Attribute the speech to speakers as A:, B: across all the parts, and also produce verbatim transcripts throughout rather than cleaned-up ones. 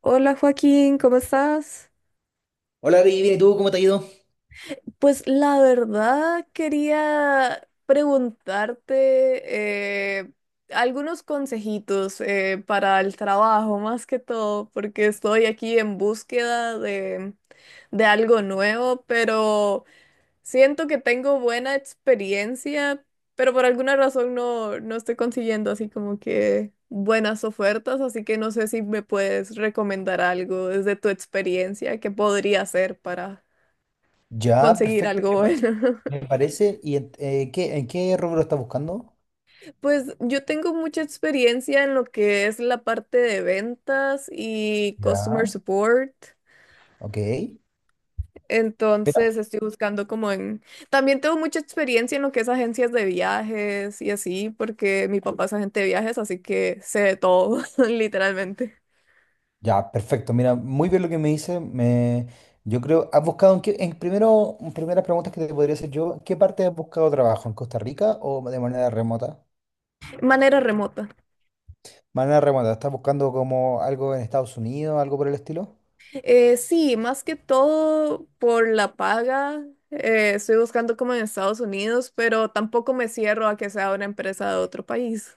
A: Hola Joaquín, ¿cómo estás?
B: Hola, Vivi, bien, ¿y tú cómo te ha ido?
A: Pues la verdad quería preguntarte eh, algunos consejitos eh, para el trabajo, más que todo, porque estoy aquí en búsqueda de, de algo nuevo, pero siento que tengo buena experiencia, pero por alguna razón no, no estoy consiguiendo así como que buenas ofertas, así que no sé si me puedes recomendar algo desde tu experiencia que podría hacer para
B: Ya,
A: conseguir
B: perfecto,
A: algo
B: me pa-
A: bueno.
B: me parece. ¿Y en, eh, qué, en qué rubro estás buscando?
A: Pues yo tengo mucha experiencia en lo que es la parte de ventas y customer
B: Ya.
A: support.
B: Ok,
A: Entonces estoy buscando como en... También tengo mucha experiencia en lo que es agencias de viajes y así, porque mi papá es agente de viajes, así que sé de todo, literalmente.
B: ya, perfecto. Mira, muy bien lo que me dice. Me, yo creo, ¿has buscado en qué, en primero, en primeras preguntas que te podría hacer yo, ¿en qué parte has buscado trabajo? ¿En Costa Rica o de manera remota?
A: Manera remota.
B: Manera remota, ¿estás buscando como algo en Estados Unidos, algo por el estilo?
A: Eh, sí, más que todo por la paga. Eh, estoy buscando como en Estados Unidos, pero tampoco me cierro a que sea una empresa de otro país.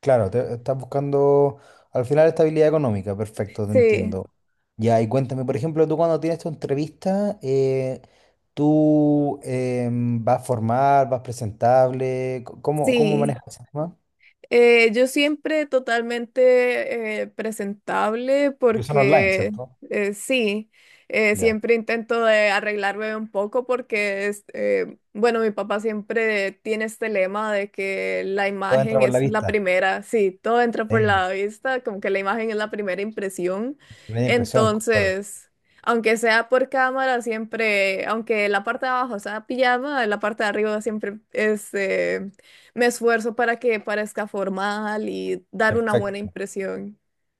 B: Claro, te- estás buscando al final estabilidad económica, perfecto, te
A: Sí,
B: entiendo. Ya, y cuéntame, por ejemplo, tú cuando tienes tu entrevista, eh, ¿tú em, vas formal, vas presentable? Co- ¿Cómo, cómo
A: sí.
B: manejas ese tema?
A: Eh, yo siempre totalmente eh, presentable
B: Porque son online,
A: porque
B: ¿cierto?
A: eh, sí, eh,
B: Ya.
A: siempre intento de arreglarme un poco porque es, eh, bueno, mi papá siempre tiene este lema de que la
B: Todo entra
A: imagen
B: por la
A: es la
B: vista.
A: primera, sí, todo entra por
B: Sí,
A: la vista, como que la imagen es la primera impresión.
B: me da impresión, concuerdo.
A: Entonces, aunque sea por cámara, siempre, aunque la parte de abajo sea pijama, la parte de arriba siempre es... eh, me esfuerzo para que parezca formal y dar una buena
B: Perfecto.
A: impresión.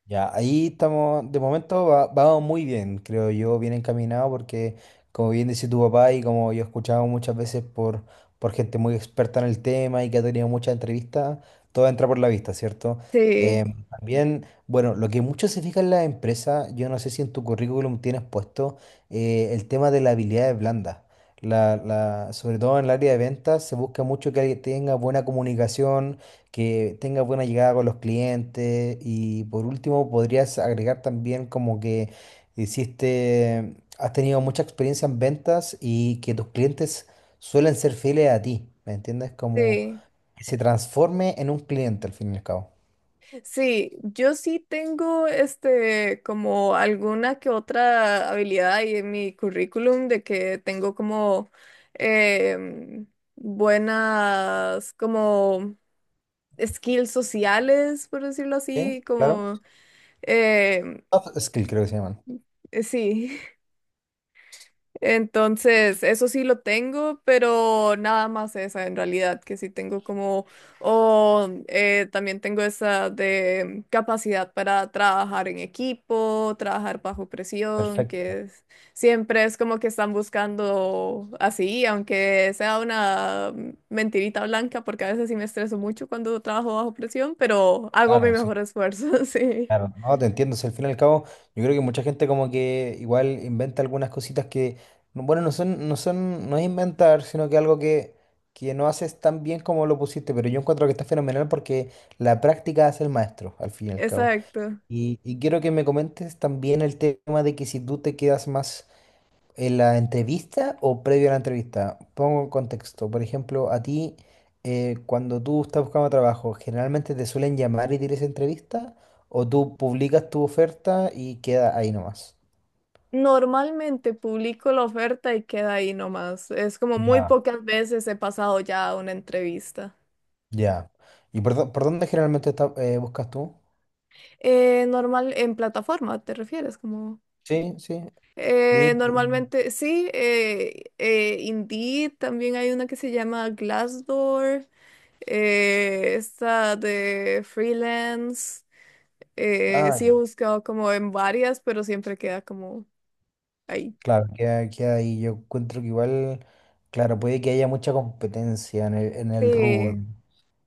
B: Ya, ahí estamos, de momento va, vamos muy bien, creo yo, bien encaminado porque como bien decía tu papá y como yo he escuchado muchas veces por, por gente muy experta en el tema y que ha tenido muchas entrevistas, todo entra por la vista, ¿cierto?
A: Sí,
B: Eh, Ujú. También, bueno, lo que mucho se fija en la empresa, yo no sé si en tu currículum tienes puesto eh, el tema de las habilidades blandas. La, la, sobre todo en el área de ventas se busca mucho que alguien tenga buena comunicación, que tenga buena llegada con los clientes, y por último podrías agregar también como que hiciste, has tenido mucha experiencia en ventas y que tus clientes suelen ser fieles a ti, ¿me entiendes? Como
A: sí,
B: que se transforme en un cliente al fin y al cabo.
A: sí. Yo sí tengo este como alguna que otra habilidad ahí en mi currículum de que tengo como em, buenas como skills sociales, por decirlo
B: ¿Sí?
A: así,
B: Claro.
A: como em,
B: Soft skill creo que se llaman.
A: sí. Entonces, eso sí lo tengo, pero nada más esa en realidad, que sí tengo como, o eh, también tengo esa de capacidad para trabajar en equipo, trabajar bajo presión,
B: Perfecto.
A: que es- siempre es como que están buscando así, aunque sea una mentirita blanca, porque a veces sí me estreso mucho cuando trabajo bajo presión, pero hago mi
B: Claro, sí.
A: mejor esfuerzo, sí,
B: Claro, no, te entiendo. Si al fin y al cabo, yo creo que mucha gente como que igual inventa algunas cositas que, no- bueno, no son, no son, no es inventar, sino que algo que, que no haces tan bien como lo pusiste, pero yo encuentro que está fenomenal porque la práctica hace el maestro, al fin y al cabo.
A: exacto.
B: Y, y quiero que me comentes también el tema de que si tú te quedas más ¿en la entrevista o previo a la entrevista? Pongo en contexto. Por ejemplo, a ti, eh, cuando tú estás buscando trabajo, ¿generalmente te suelen llamar y tienes entrevista? ¿O tú publicas tu oferta y queda ahí nomás?
A: Normalmente publico la oferta y queda ahí nomás. Es como muy
B: Ya.
A: pocas veces he pasado ya a una entrevista.
B: Ya. ¿Y por, dó- por dónde generalmente está- eh, buscas tú?
A: Eh, normal, en plataforma, ¿te refieres? Como
B: Sí, sí.
A: eh,
B: LinkedIn.
A: normalmente, sí, eh, eh, Indeed, también hay una que se llama Glassdoor, eh, esta de freelance. Eh,
B: Ah,
A: sí he
B: ya.
A: buscado como en varias, pero siempre queda como ahí.
B: Claro, queda, queda ahí. Yo encuentro que igual, claro, puede que haya mucha competencia en el, en el rubro.
A: Sí.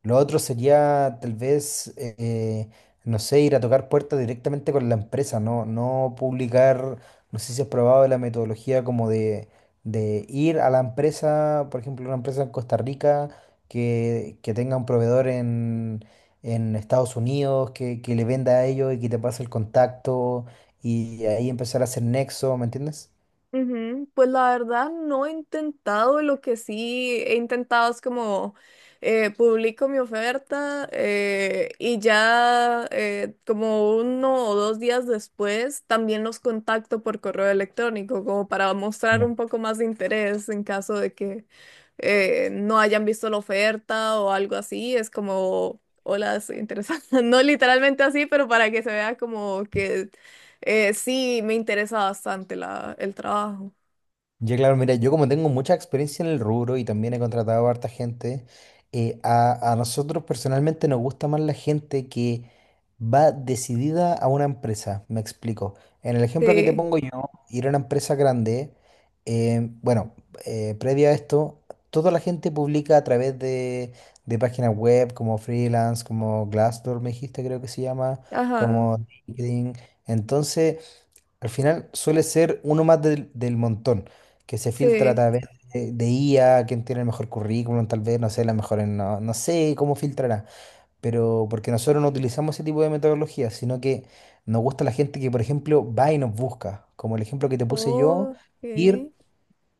B: Lo otro sería tal vez, eh, eh, no sé, ir a tocar puertas directamente con la empresa, no, no publicar, no sé si has probado la metodología como de, de ir a la empresa, por ejemplo, una empresa en Costa Rica que, que tenga un proveedor en, en Estados Unidos, que, que le venda a ellos y que te pase el contacto y ahí empezar a hacer nexo, ¿me entiendes?
A: Ujú, pues la verdad no he intentado, lo que sí he intentado es como eh, publico mi oferta eh, y ya eh, como uno o dos días después también los contacto por correo electrónico como para mostrar un poco más de interés en caso de que eh, no hayan visto la oferta o algo así, es como, hola, estoy interesada. No literalmente así, pero para que se vea como que eh, sí, me interesa bastante la, el trabajo.
B: Ya, claro, mira, yo como tengo mucha experiencia en el rubro y también he contratado a harta gente, eh, a, a nosotros personalmente nos gusta más la gente que va decidida a una empresa, me explico. En el ejemplo que te
A: Sí,
B: pongo yo, ir a una empresa grande, eh, bueno, eh, previo a esto, toda la gente publica a través de, de páginas web como freelance, como Glassdoor, me dijiste, creo que se llama,
A: ajá,
B: como LinkedIn. Entonces... al final suele ser uno más del, del montón, que se filtra a sí,
A: sí.
B: través de, de I A, quién tiene el mejor currículum, tal vez, no sé, la mejor en- no, no sé cómo filtrará, pero porque nosotros no utilizamos ese tipo de metodología, sino que nos gusta la gente que, por ejemplo, va y nos busca, como el ejemplo que te puse yo,
A: Ok,
B: ir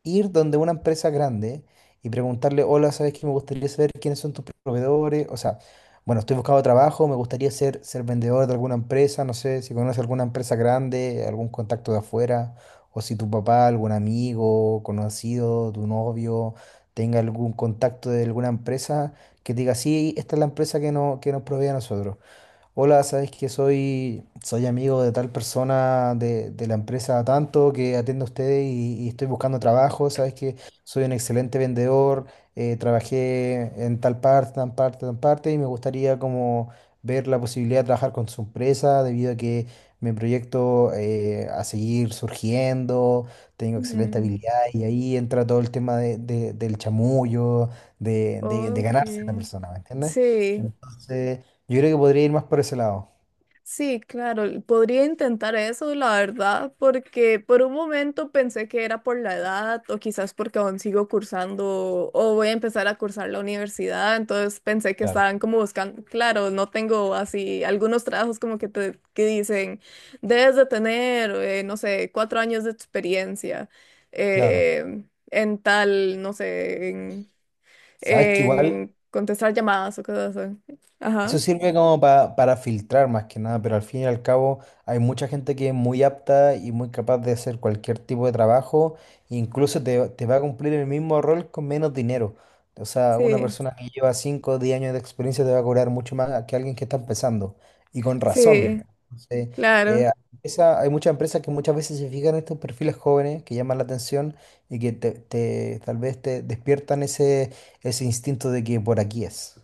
B: ir donde una empresa grande y preguntarle, hola, ¿sabes que me gustaría saber quiénes son tus proveedores? O sea, bueno, estoy buscando trabajo, me gustaría ser, ser vendedor de alguna empresa, no sé si conoces alguna empresa grande, algún contacto de afuera, o si tu papá, algún amigo, conocido, tu novio, tenga algún contacto de alguna empresa que te diga, sí, esta es la empresa que, no, que nos provee a nosotros. Hola, sabes que soy, soy amigo de tal persona de, de la empresa tanto que atiende a ustedes y, y estoy buscando trabajo. Sabes que soy un excelente vendedor, eh, trabajé en tal parte, tan parte, tan parte y me gustaría como ver la posibilidad de trabajar con su empresa debido a que mi proyecto eh, a seguir surgiendo, tengo excelente
A: ujú,
B: habilidad y ahí entra todo el tema de- de- del chamullo, de, de, de
A: ok.
B: ganarse a la persona, ¿me entiendes?
A: Sí,
B: Entonces... yo creo que podría ir más por ese lado.
A: sí, claro, podría intentar eso, la verdad, porque por un momento pensé que era por la edad o quizás porque aún sigo cursando o voy a empezar a cursar la universidad, entonces pensé que
B: Claro.
A: estaban como buscando, claro, no tengo así algunos trabajos como que te que dicen, debes de tener, eh, no sé, cuatro años de experiencia
B: Claro.
A: eh, en tal, no sé, en,
B: Sabes que igual
A: en contestar llamadas o cosas así.
B: Eso
A: Ajá,
B: sirve como pa- para filtrar más que nada, pero al fin y al cabo hay mucha gente que es muy apta y muy capaz de hacer cualquier tipo de trabajo, e incluso te, te va a cumplir el mismo rol con menos dinero. O sea, una
A: sí,
B: persona que lleva cinco o diez años de experiencia te va a cobrar mucho más que alguien que está empezando, y con razón.
A: sí,
B: Entonces,
A: claro.
B: eh, esa- hay muchas empresas que muchas veces se fijan en estos perfiles jóvenes que llaman la atención y que te, te- tal vez te despiertan ese, ese instinto de que por aquí es.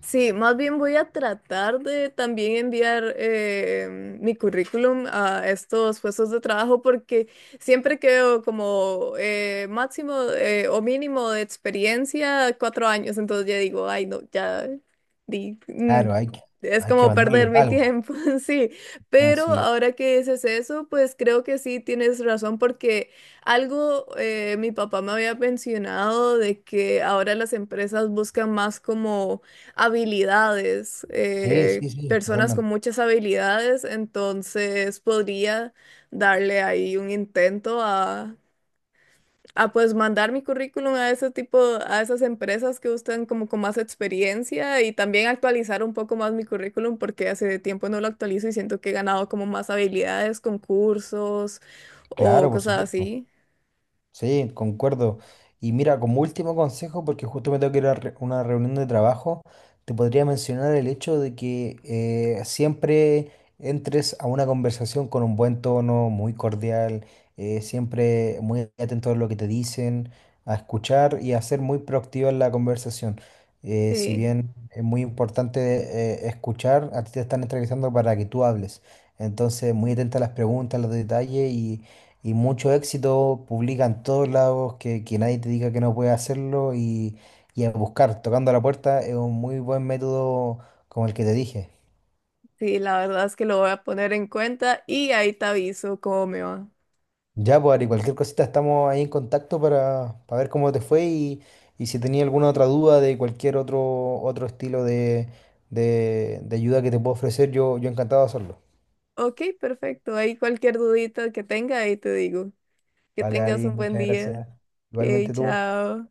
A: Sí, más bien voy a tratar de también enviar eh, mi currículum a estos puestos de trabajo porque siempre quedo como eh, máximo eh, o mínimo de experiencia cuatro años, entonces ya digo, ay no, ya di, mm,
B: Claro, hay que,
A: es
B: hay que
A: como
B: mandarle
A: perder mi
B: algo,
A: tiempo, sí,
B: ¿no?
A: pero
B: Sí,
A: ahora que dices eso, pues creo que sí tienes razón porque... Algo eh, mi papá me había mencionado de que ahora las empresas buscan más como habilidades,
B: sí,
A: eh,
B: sí, sí,
A: personas
B: totalmente.
A: con muchas habilidades, entonces podría darle ahí un intento a, a pues mandar mi currículum a ese tipo, a esas empresas que buscan como con más experiencia y también actualizar un poco más mi currículum porque hace tiempo no lo actualizo y siento que he ganado como más habilidades, concursos
B: Claro,
A: o
B: por
A: cosas
B: supuesto.
A: así.
B: Sí, concuerdo. Y mira, como último consejo, porque justo me tengo que ir a re- una reunión de trabajo, te podría mencionar el hecho de que eh, siempre entres a una conversación con un buen tono, muy cordial, eh, siempre muy atento a lo que te dicen, a escuchar y a ser muy proactivo en la conversación. Eh, si
A: Sí,
B: bien es muy importante eh, escuchar, a ti te están entrevistando para que tú hables. Entonces, muy atenta a las preguntas, a los detalles y mucho éxito, publica en todos lados, que, que nadie te diga que no puedes hacerlo y, y a buscar, tocando a la puerta, es un muy buen método como el que te dije.
A: sí, la verdad es que lo voy a poner en cuenta y ahí te aviso cómo me va.
B: Ya, pues, Ari, cualquier cosita estamos ahí en contacto para, para ver cómo te fue y, y si tenía alguna otra duda de cualquier otro, otro estilo de, de, de ayuda que te puedo ofrecer, yo, yo encantado de hacerlo.
A: Ok, perfecto. Ahí cualquier dudita que tenga, ahí te digo. Que
B: Vale,
A: tengas
B: Ari,
A: un buen
B: muchas
A: día.
B: gracias.
A: Ok,
B: Igualmente tú.
A: chao.